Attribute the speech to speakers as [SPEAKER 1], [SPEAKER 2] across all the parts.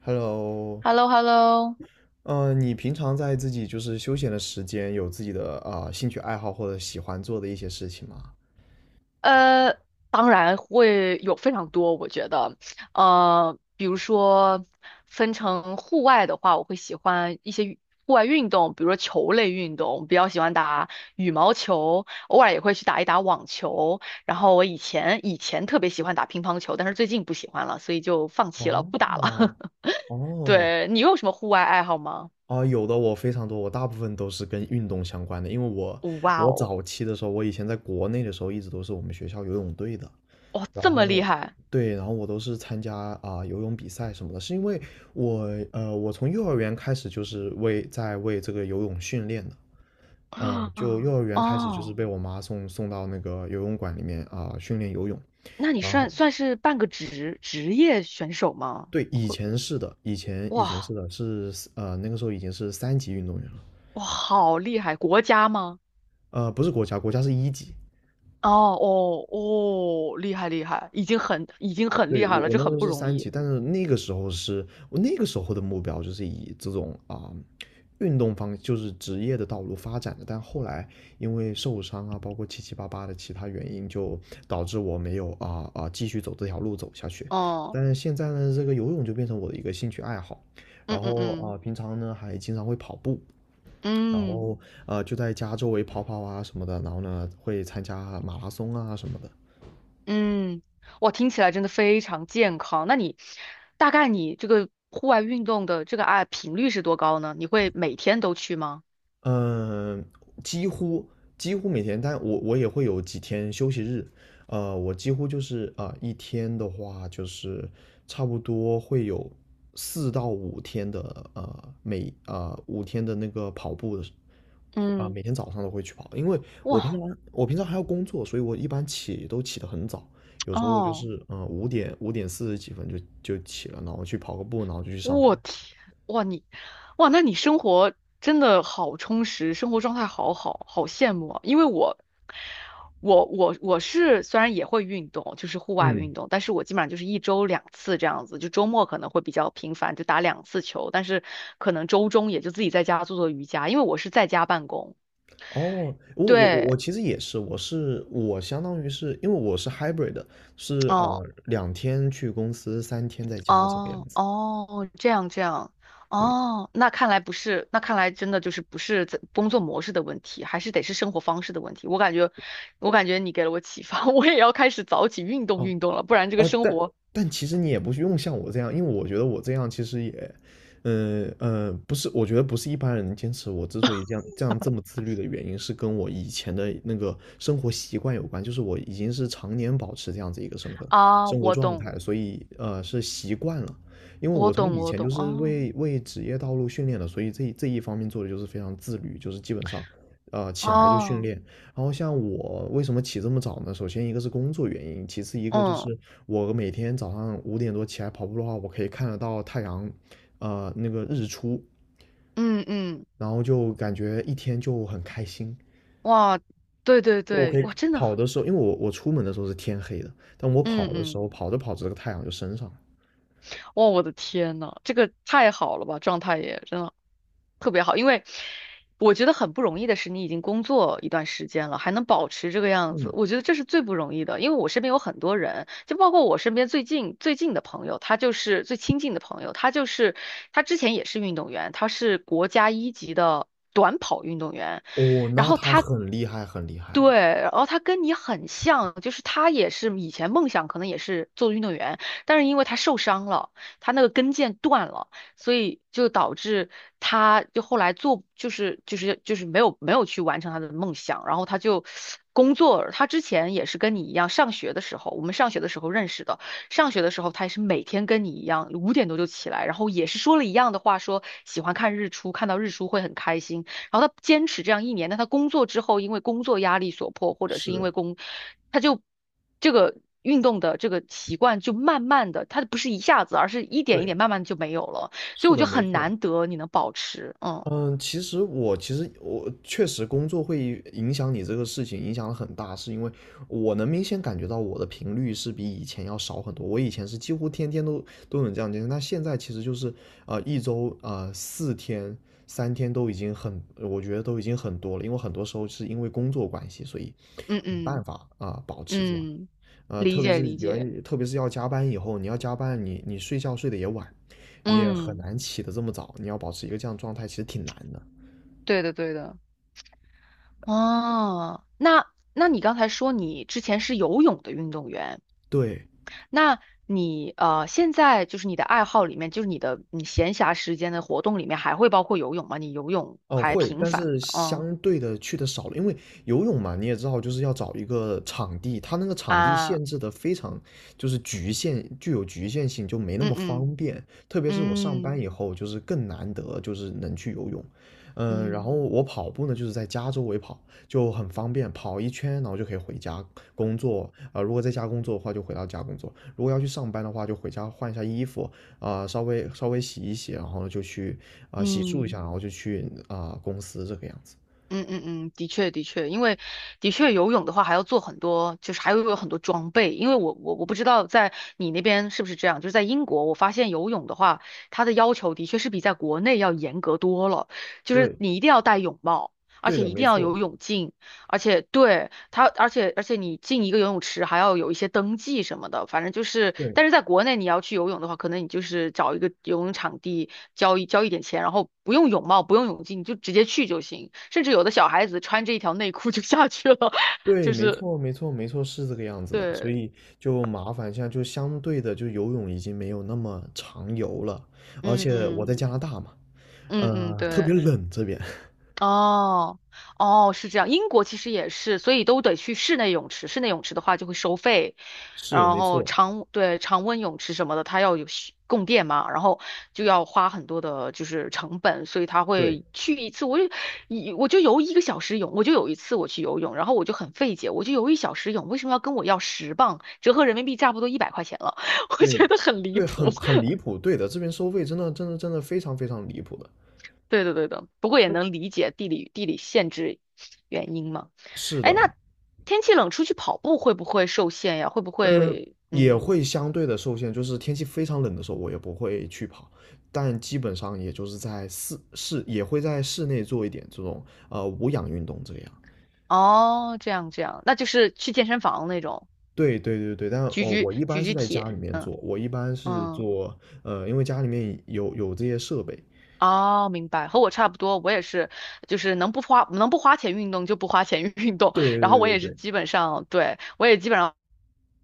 [SPEAKER 1] Hello，
[SPEAKER 2] Hello Hello
[SPEAKER 1] 你平常在自己就是休闲的时间，有自己的兴趣爱好或者喜欢做的一些事情吗？
[SPEAKER 2] 呃，当然会有非常多，我觉得，比如说分成户外的话，我会喜欢一些户外运动，比如说球类运动，比较喜欢打羽毛球，偶尔也会去打一打网球。然后我以前特别喜欢打乒乓球，但是最近不喜欢了，所以就放弃了，不打了。
[SPEAKER 1] 哦。 哦。
[SPEAKER 2] 对，你有什么户外爱好吗？
[SPEAKER 1] 啊，有的我非常多，我大部分都是跟运动相关的，因为我
[SPEAKER 2] 哇
[SPEAKER 1] 我
[SPEAKER 2] 哦，
[SPEAKER 1] 早期的时候，我以前在国内的时候，一直都是我们学校游泳队的。
[SPEAKER 2] 哇，
[SPEAKER 1] 然
[SPEAKER 2] 这么厉
[SPEAKER 1] 后，
[SPEAKER 2] 害！
[SPEAKER 1] 对，然后我都是参加游泳比赛什么的，是因为我我从幼儿园开始就是为这个游泳训练的。就幼儿 园开始就是
[SPEAKER 2] 哦，
[SPEAKER 1] 被我妈送到那个游泳馆里面训练游泳。
[SPEAKER 2] 那你
[SPEAKER 1] 然
[SPEAKER 2] 算
[SPEAKER 1] 后，
[SPEAKER 2] 算是半个职业选手吗？
[SPEAKER 1] 对，以
[SPEAKER 2] 会
[SPEAKER 1] 前是的，以前
[SPEAKER 2] 哇
[SPEAKER 1] 是的是那个时候已经是三级运动员了。
[SPEAKER 2] 哇，好厉害！国家吗？
[SPEAKER 1] 不是国家，国家是一级。
[SPEAKER 2] 哦哦哦，厉害厉害，已经很
[SPEAKER 1] 对，
[SPEAKER 2] 厉
[SPEAKER 1] 我
[SPEAKER 2] 害了，
[SPEAKER 1] 我
[SPEAKER 2] 这
[SPEAKER 1] 那时
[SPEAKER 2] 很
[SPEAKER 1] 候
[SPEAKER 2] 不
[SPEAKER 1] 是
[SPEAKER 2] 容
[SPEAKER 1] 三级，
[SPEAKER 2] 易。
[SPEAKER 1] 但是那个时候是我那个时候的目标就是以这种运动方就是职业的道路发展的，但后来因为受伤啊，包括七七八八的其他原因，就导致我没有继续走这条路走下去。
[SPEAKER 2] 哦，
[SPEAKER 1] 但是现在呢，这个游泳就变成我的一个兴趣爱好，
[SPEAKER 2] 嗯
[SPEAKER 1] 然
[SPEAKER 2] 嗯
[SPEAKER 1] 后
[SPEAKER 2] 嗯
[SPEAKER 1] 平常呢还经常会跑步，然
[SPEAKER 2] 嗯
[SPEAKER 1] 后就在家周围跑跑啊什么的，然后呢会参加马拉松啊什么的。
[SPEAKER 2] 嗯，哇，听起来真的非常健康。那你大概你这个户外运动的这个频率是多高呢？你会每天都去吗？
[SPEAKER 1] 嗯，几乎几乎每天，但我也会有几天休息日。我几乎就是一天的话就是差不多会有4到5天的呃每啊、呃、五天的那个跑步的时
[SPEAKER 2] 嗯，
[SPEAKER 1] 每天早上都会去跑，因为我平常
[SPEAKER 2] 哇
[SPEAKER 1] 我平常还要工作，所以我一般起都起得很早，有时候就
[SPEAKER 2] 哦。
[SPEAKER 1] 是5点四十几分就起了，然后去跑个步，然后就去上班。
[SPEAKER 2] 我天，哇你，哇那你生活真的好充实，生活状态好好，好羡慕啊！因为我是虽然也会运动，就是户外
[SPEAKER 1] 嗯。
[SPEAKER 2] 运动，但是我基本上就是1周2次这样子，就周末可能会比较频繁，就打两次球，但是可能周中也就自己在家做做瑜伽，因为我是在家办公。
[SPEAKER 1] 哦，我
[SPEAKER 2] 对，
[SPEAKER 1] 其实也是，我相当于是因为我是 hybrid 的，是
[SPEAKER 2] 嗯。
[SPEAKER 1] 2天去公司，三天在家这个样
[SPEAKER 2] 哦
[SPEAKER 1] 子。
[SPEAKER 2] 哦，这样这样，
[SPEAKER 1] 对。
[SPEAKER 2] 哦，那看来不是，那看来真的就是不是在工作模式的问题，还是得是生活方式的问题。我感觉你给了我启发。我也要开始早起运动
[SPEAKER 1] 哦。
[SPEAKER 2] 运动了，不然这个
[SPEAKER 1] 呃，
[SPEAKER 2] 生
[SPEAKER 1] 但
[SPEAKER 2] 活
[SPEAKER 1] 但其实你也不用像我这样，因为我觉得我这样其实也，不是，我觉得不是一般人能坚持。我之所以这样这么自律的原因，是跟我以前的那个生活习惯有关，就是我已经是常年保持这样子一个生活
[SPEAKER 2] 啊，
[SPEAKER 1] 生活
[SPEAKER 2] 我
[SPEAKER 1] 状
[SPEAKER 2] 懂，
[SPEAKER 1] 态，所以是习惯了。因为
[SPEAKER 2] 我
[SPEAKER 1] 我从
[SPEAKER 2] 懂，
[SPEAKER 1] 以
[SPEAKER 2] 我
[SPEAKER 1] 前
[SPEAKER 2] 懂，
[SPEAKER 1] 就是
[SPEAKER 2] 哦
[SPEAKER 1] 为职业道路训练的，所以这一方面做的就是非常自律，就是基本上，起来就训
[SPEAKER 2] 哦，
[SPEAKER 1] 练。然后像我为什么起这么早呢？首先一个是工作原因，其次一个就
[SPEAKER 2] 嗯
[SPEAKER 1] 是我每天早上5点多起来跑步的话，我可以看得到太阳，那个日出，
[SPEAKER 2] 嗯嗯，
[SPEAKER 1] 然后就感觉一天就很开心。
[SPEAKER 2] 哇，对对
[SPEAKER 1] 就我可
[SPEAKER 2] 对，
[SPEAKER 1] 以
[SPEAKER 2] 哇，真的，
[SPEAKER 1] 跑的时候，因为我出门的时候是天黑的，但我
[SPEAKER 2] 嗯
[SPEAKER 1] 跑的时
[SPEAKER 2] 嗯，
[SPEAKER 1] 候，跑着跑着这个太阳就升上了。
[SPEAKER 2] 哇，我的天呐，这个太好了吧，状态也真的。特别好，因为我觉得很不容易的是，你已经工作一段时间了，还能保持这个样子，
[SPEAKER 1] 嗯。
[SPEAKER 2] 我觉得这是最不容易的。因为我身边有很多人，就包括我身边最近的朋友，他就是最亲近的朋友，他之前也是运动员，他是国家一级的短跑运动员。
[SPEAKER 1] 哦，
[SPEAKER 2] 然
[SPEAKER 1] 那
[SPEAKER 2] 后
[SPEAKER 1] 他
[SPEAKER 2] 他
[SPEAKER 1] 很厉害，很厉害了。
[SPEAKER 2] 对，然后他跟你很像，就是他也是以前梦想可能也是做运动员，但是因为他受伤了，他那个跟腱断了，所以就导致他就后来没有去完成他的梦想，然后他就工作，他之前也是跟你一样，上学的时候，我们上学的时候认识的，上学的时候他也是每天跟你一样，5点多就起来，然后也是说了一样的话，说喜欢看日出，看到日出会很开心。然后他坚持这样1年，但他工作之后，因为工作压力所迫，或者是因
[SPEAKER 1] 是。
[SPEAKER 2] 为工，他就这个运动的这个习惯就慢慢的，他不是一下子，而是一点一
[SPEAKER 1] 对。
[SPEAKER 2] 点慢慢地就没有了。所以
[SPEAKER 1] 是
[SPEAKER 2] 我觉
[SPEAKER 1] 的，
[SPEAKER 2] 得
[SPEAKER 1] 没
[SPEAKER 2] 很
[SPEAKER 1] 错。
[SPEAKER 2] 难得你能保持，嗯
[SPEAKER 1] 嗯，其实我确实工作会影响你这个事情，影响得很大，是因为我能明显感觉到我的频率是比以前要少很多。我以前是几乎天天都能这样进行，那现在其实就是一周三天都已经很，我觉得都已经很多了，因为很多时候是因为工作关系，所以
[SPEAKER 2] 嗯
[SPEAKER 1] 没办
[SPEAKER 2] 嗯
[SPEAKER 1] 法保持这样。
[SPEAKER 2] 嗯，理解理解，
[SPEAKER 1] 特别是要加班以后，你要加班，你睡觉睡得也晚，你也很
[SPEAKER 2] 嗯，
[SPEAKER 1] 难起得这么早，你要保持一个这样状态，其实挺难的。
[SPEAKER 2] 对的对的，哦，那你刚才说你之前是游泳的运动员。
[SPEAKER 1] 对。
[SPEAKER 2] 那你现在就是你的爱好里面，就是你闲暇时间的活动里面，还会包括游泳吗？你游泳
[SPEAKER 1] 哦，
[SPEAKER 2] 还
[SPEAKER 1] 会，
[SPEAKER 2] 频
[SPEAKER 1] 但
[SPEAKER 2] 繁吗？
[SPEAKER 1] 是
[SPEAKER 2] 嗯
[SPEAKER 1] 相对的去的少了，因为游泳嘛，你也知道，就是要找一个场地，它那个场地
[SPEAKER 2] 啊，
[SPEAKER 1] 限制的非常，就是局限，具有局限性，就没那
[SPEAKER 2] 嗯
[SPEAKER 1] 么
[SPEAKER 2] 嗯
[SPEAKER 1] 方便。特别是我上班
[SPEAKER 2] 嗯
[SPEAKER 1] 以后，就是更难得，就是能去游泳。嗯。然
[SPEAKER 2] 嗯
[SPEAKER 1] 后我跑步呢，就是在家周围跑，就很方便，跑一圈，然后就可以回家工作。如果在家工作的话，就回到家工作；如果要去上班的话，就回家换一下衣服，稍微稍微洗一洗，然后呢就去洗漱一下，
[SPEAKER 2] 嗯
[SPEAKER 1] 然后就去公司这个样子。
[SPEAKER 2] 嗯嗯嗯，的确的确，因为的确游泳的话还要做很多，就是还会有很多装备，因为我不知道在你那边是不是这样，就是在英国，我发现游泳的话，它的要求的确是比在国内要严格多了，就是
[SPEAKER 1] 对。
[SPEAKER 2] 你一定要戴泳帽，而
[SPEAKER 1] 对
[SPEAKER 2] 且
[SPEAKER 1] 的，
[SPEAKER 2] 一定
[SPEAKER 1] 没
[SPEAKER 2] 要
[SPEAKER 1] 错。
[SPEAKER 2] 有泳镜。而且对他，而且而且你进一个游泳池还要有一些登记什么的，反正就是，
[SPEAKER 1] 对
[SPEAKER 2] 但是在国内你要去游泳的话，可能你就是找一个游泳场地，交一交一点钱，然后不用泳帽，不用泳镜，你就直接去就行。甚至有的小孩子穿着一条内裤就下去了。
[SPEAKER 1] 对，
[SPEAKER 2] 就
[SPEAKER 1] 没
[SPEAKER 2] 是
[SPEAKER 1] 错，没错，没错，是这个样子的。所
[SPEAKER 2] 对，
[SPEAKER 1] 以就麻烦现在就相对的，就游泳已经没有那么常游了，而
[SPEAKER 2] 嗯
[SPEAKER 1] 且我在
[SPEAKER 2] 嗯，
[SPEAKER 1] 加拿大嘛，
[SPEAKER 2] 嗯嗯
[SPEAKER 1] 特
[SPEAKER 2] 对。
[SPEAKER 1] 别冷这边。
[SPEAKER 2] 哦，哦，是这样。英国其实也是，所以都得去室内泳池。室内泳池的话就会收费，
[SPEAKER 1] 是，
[SPEAKER 2] 然
[SPEAKER 1] 没
[SPEAKER 2] 后
[SPEAKER 1] 错。
[SPEAKER 2] 对，常温泳池什么的，它要有需供电嘛，然后就要花很多的就是成本，所以他
[SPEAKER 1] 对
[SPEAKER 2] 会去一次，我就游1个小时泳，我就有一次我去游泳，然后我就很费解，我就游1小时泳，为什么要跟我要10磅，折合人民币差不多100块钱了。我
[SPEAKER 1] 对
[SPEAKER 2] 觉得很离
[SPEAKER 1] 对，
[SPEAKER 2] 谱。
[SPEAKER 1] 很离谱，对的，这边收费真的真的真的非常非常离谱的。
[SPEAKER 2] 对的，对的，不过也
[SPEAKER 1] 嗯，
[SPEAKER 2] 能理解地理限制原因嘛。
[SPEAKER 1] 是
[SPEAKER 2] 哎，
[SPEAKER 1] 的。
[SPEAKER 2] 那天气冷出去跑步会不会受限呀？会不
[SPEAKER 1] 嗯，
[SPEAKER 2] 会
[SPEAKER 1] 也
[SPEAKER 2] 嗯
[SPEAKER 1] 会相对的受限，就是天气非常冷的时候，我也不会去跑，但基本上也就是在室室也会在室内做一点这种无氧运动这个样。
[SPEAKER 2] 哦，这样这样，那就是去健身房那种
[SPEAKER 1] 对对对对，但
[SPEAKER 2] 举
[SPEAKER 1] 哦，
[SPEAKER 2] 举
[SPEAKER 1] 我一般
[SPEAKER 2] 举
[SPEAKER 1] 是
[SPEAKER 2] 举
[SPEAKER 1] 在家里
[SPEAKER 2] 铁，
[SPEAKER 1] 面
[SPEAKER 2] 嗯
[SPEAKER 1] 做，我一般是
[SPEAKER 2] 嗯
[SPEAKER 1] 做，因为家里面有这些设备。
[SPEAKER 2] 哦，明白，和我差不多，我也是，就是能不花钱运动就不花钱 运动，
[SPEAKER 1] 对对
[SPEAKER 2] 然后我
[SPEAKER 1] 对对
[SPEAKER 2] 也是
[SPEAKER 1] 对。
[SPEAKER 2] 基本上，对，我也基本上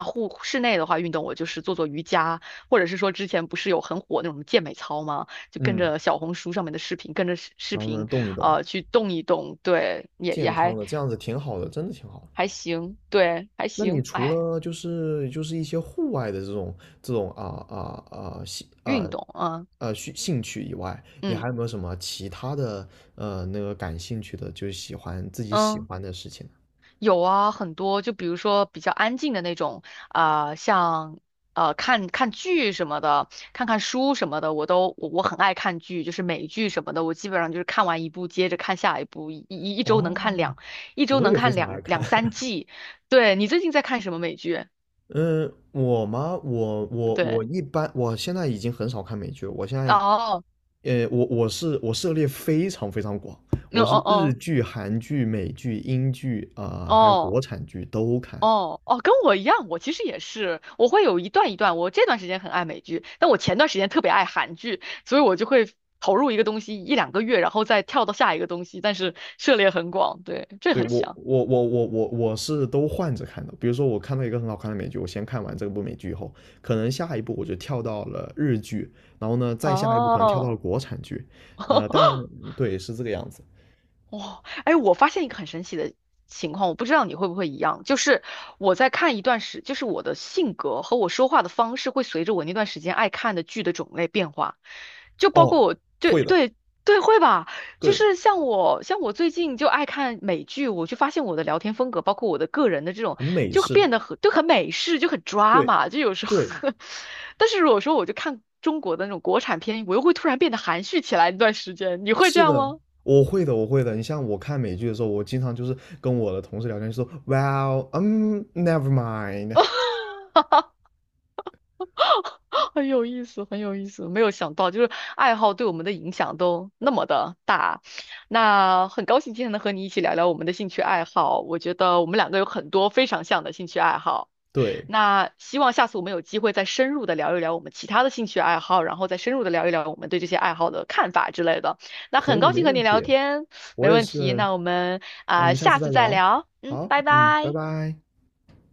[SPEAKER 2] 室内的话运动，我就是做做瑜伽，或者是说之前不是有很火那种健美操吗？就跟
[SPEAKER 1] 嗯，
[SPEAKER 2] 着小红书上面的视频，跟着视视
[SPEAKER 1] 然后呢，
[SPEAKER 2] 频，
[SPEAKER 1] 动一动，
[SPEAKER 2] 去动一动，对，也
[SPEAKER 1] 健康
[SPEAKER 2] 还
[SPEAKER 1] 的，这样子挺好的，真的挺好的。
[SPEAKER 2] 还行，对，还
[SPEAKER 1] 那你
[SPEAKER 2] 行，
[SPEAKER 1] 除
[SPEAKER 2] 哎，
[SPEAKER 1] 了就是一些户外的这种啊啊啊兴啊
[SPEAKER 2] 运动啊，
[SPEAKER 1] 啊兴兴趣以外，你还
[SPEAKER 2] 嗯
[SPEAKER 1] 有没有什么其他的那个感兴趣的，就是喜欢自己喜
[SPEAKER 2] 嗯嗯。
[SPEAKER 1] 欢的事情呢？
[SPEAKER 2] 有啊，很多，就比如说比较安静的那种，啊、像看看剧什么的，看看书什么的，我都我我很爱看剧，就是美剧什么的，我基本上就是看完一部接着看下一部，
[SPEAKER 1] 哦，
[SPEAKER 2] 一周
[SPEAKER 1] 我
[SPEAKER 2] 能
[SPEAKER 1] 也非
[SPEAKER 2] 看
[SPEAKER 1] 常爱
[SPEAKER 2] 两
[SPEAKER 1] 看。
[SPEAKER 2] 两三 季。对，你最近在看什么美剧？
[SPEAKER 1] 嗯，我吗？我
[SPEAKER 2] 对，
[SPEAKER 1] 一般，我现在已经很少看美剧了。我现在，
[SPEAKER 2] 哦，
[SPEAKER 1] 我涉猎非常非常广，
[SPEAKER 2] 嗯
[SPEAKER 1] 我
[SPEAKER 2] 哦
[SPEAKER 1] 是日
[SPEAKER 2] 哦
[SPEAKER 1] 剧、韩剧、美剧、英剧还有
[SPEAKER 2] 哦。
[SPEAKER 1] 国产剧都看。
[SPEAKER 2] 哦哦，跟我一样，我其实也是，我会有一段一段。我这段时间很爱美剧，但我前段时间特别爱韩剧，所以我就会投入一个东西一两个月，然后再跳到下一个东西，但是涉猎很广，对，这
[SPEAKER 1] 对，
[SPEAKER 2] 很
[SPEAKER 1] 我
[SPEAKER 2] 像。
[SPEAKER 1] 我我我我我是都换着看的。比如说我看到一个很好看的美剧，我先看完这部美剧以后，可能下一步我就跳到了日剧，然后呢再下一步可能跳到
[SPEAKER 2] 哦，
[SPEAKER 1] 了国产剧，但，对，是这个样子。
[SPEAKER 2] 哇，哎，我发现一个很神奇的情况，我不知道你会不会一样，就是我在看一段时，就是我的性格和我说话的方式会随着我那段时间爱看的剧的种类变化，就包
[SPEAKER 1] 哦，
[SPEAKER 2] 括我，对
[SPEAKER 1] 会的。
[SPEAKER 2] 对对，会吧，就
[SPEAKER 1] 对，
[SPEAKER 2] 是像我最近就爱看美剧，我就发现我的聊天风格，包括我的个人的这种，
[SPEAKER 1] 很美
[SPEAKER 2] 就
[SPEAKER 1] 式。
[SPEAKER 2] 变得很美式，就很
[SPEAKER 1] 对
[SPEAKER 2] drama，就有时候。
[SPEAKER 1] 对，
[SPEAKER 2] 但是如果说我就看中国的那种国产片，我又会突然变得含蓄起来一段时间，你会这
[SPEAKER 1] 是
[SPEAKER 2] 样
[SPEAKER 1] 的。
[SPEAKER 2] 吗？
[SPEAKER 1] 我会的，我会的。你像我看美剧的时候，我经常就是跟我的同事聊天，说，Well，never mind。
[SPEAKER 2] 很有意思，很有意思，没有想到，就是爱好对我们的影响都那么的大。那很高兴今天能和你一起聊聊我们的兴趣爱好，我觉得我们两个有很多非常像的兴趣爱好。
[SPEAKER 1] 对，
[SPEAKER 2] 那希望下次我们有机会再深入的聊一聊我们其他的兴趣爱好，然后再深入的聊一聊我们对这些爱好的看法之类的。那
[SPEAKER 1] 可
[SPEAKER 2] 很
[SPEAKER 1] 以，
[SPEAKER 2] 高
[SPEAKER 1] 没
[SPEAKER 2] 兴和你
[SPEAKER 1] 问
[SPEAKER 2] 聊
[SPEAKER 1] 题。
[SPEAKER 2] 天，
[SPEAKER 1] 我
[SPEAKER 2] 没
[SPEAKER 1] 也
[SPEAKER 2] 问题。
[SPEAKER 1] 是。
[SPEAKER 2] 那我们
[SPEAKER 1] 那我
[SPEAKER 2] 啊、
[SPEAKER 1] 们下次
[SPEAKER 2] 下
[SPEAKER 1] 再
[SPEAKER 2] 次再
[SPEAKER 1] 聊。
[SPEAKER 2] 聊，嗯，
[SPEAKER 1] 好，
[SPEAKER 2] 拜
[SPEAKER 1] 嗯，拜
[SPEAKER 2] 拜。
[SPEAKER 1] 拜。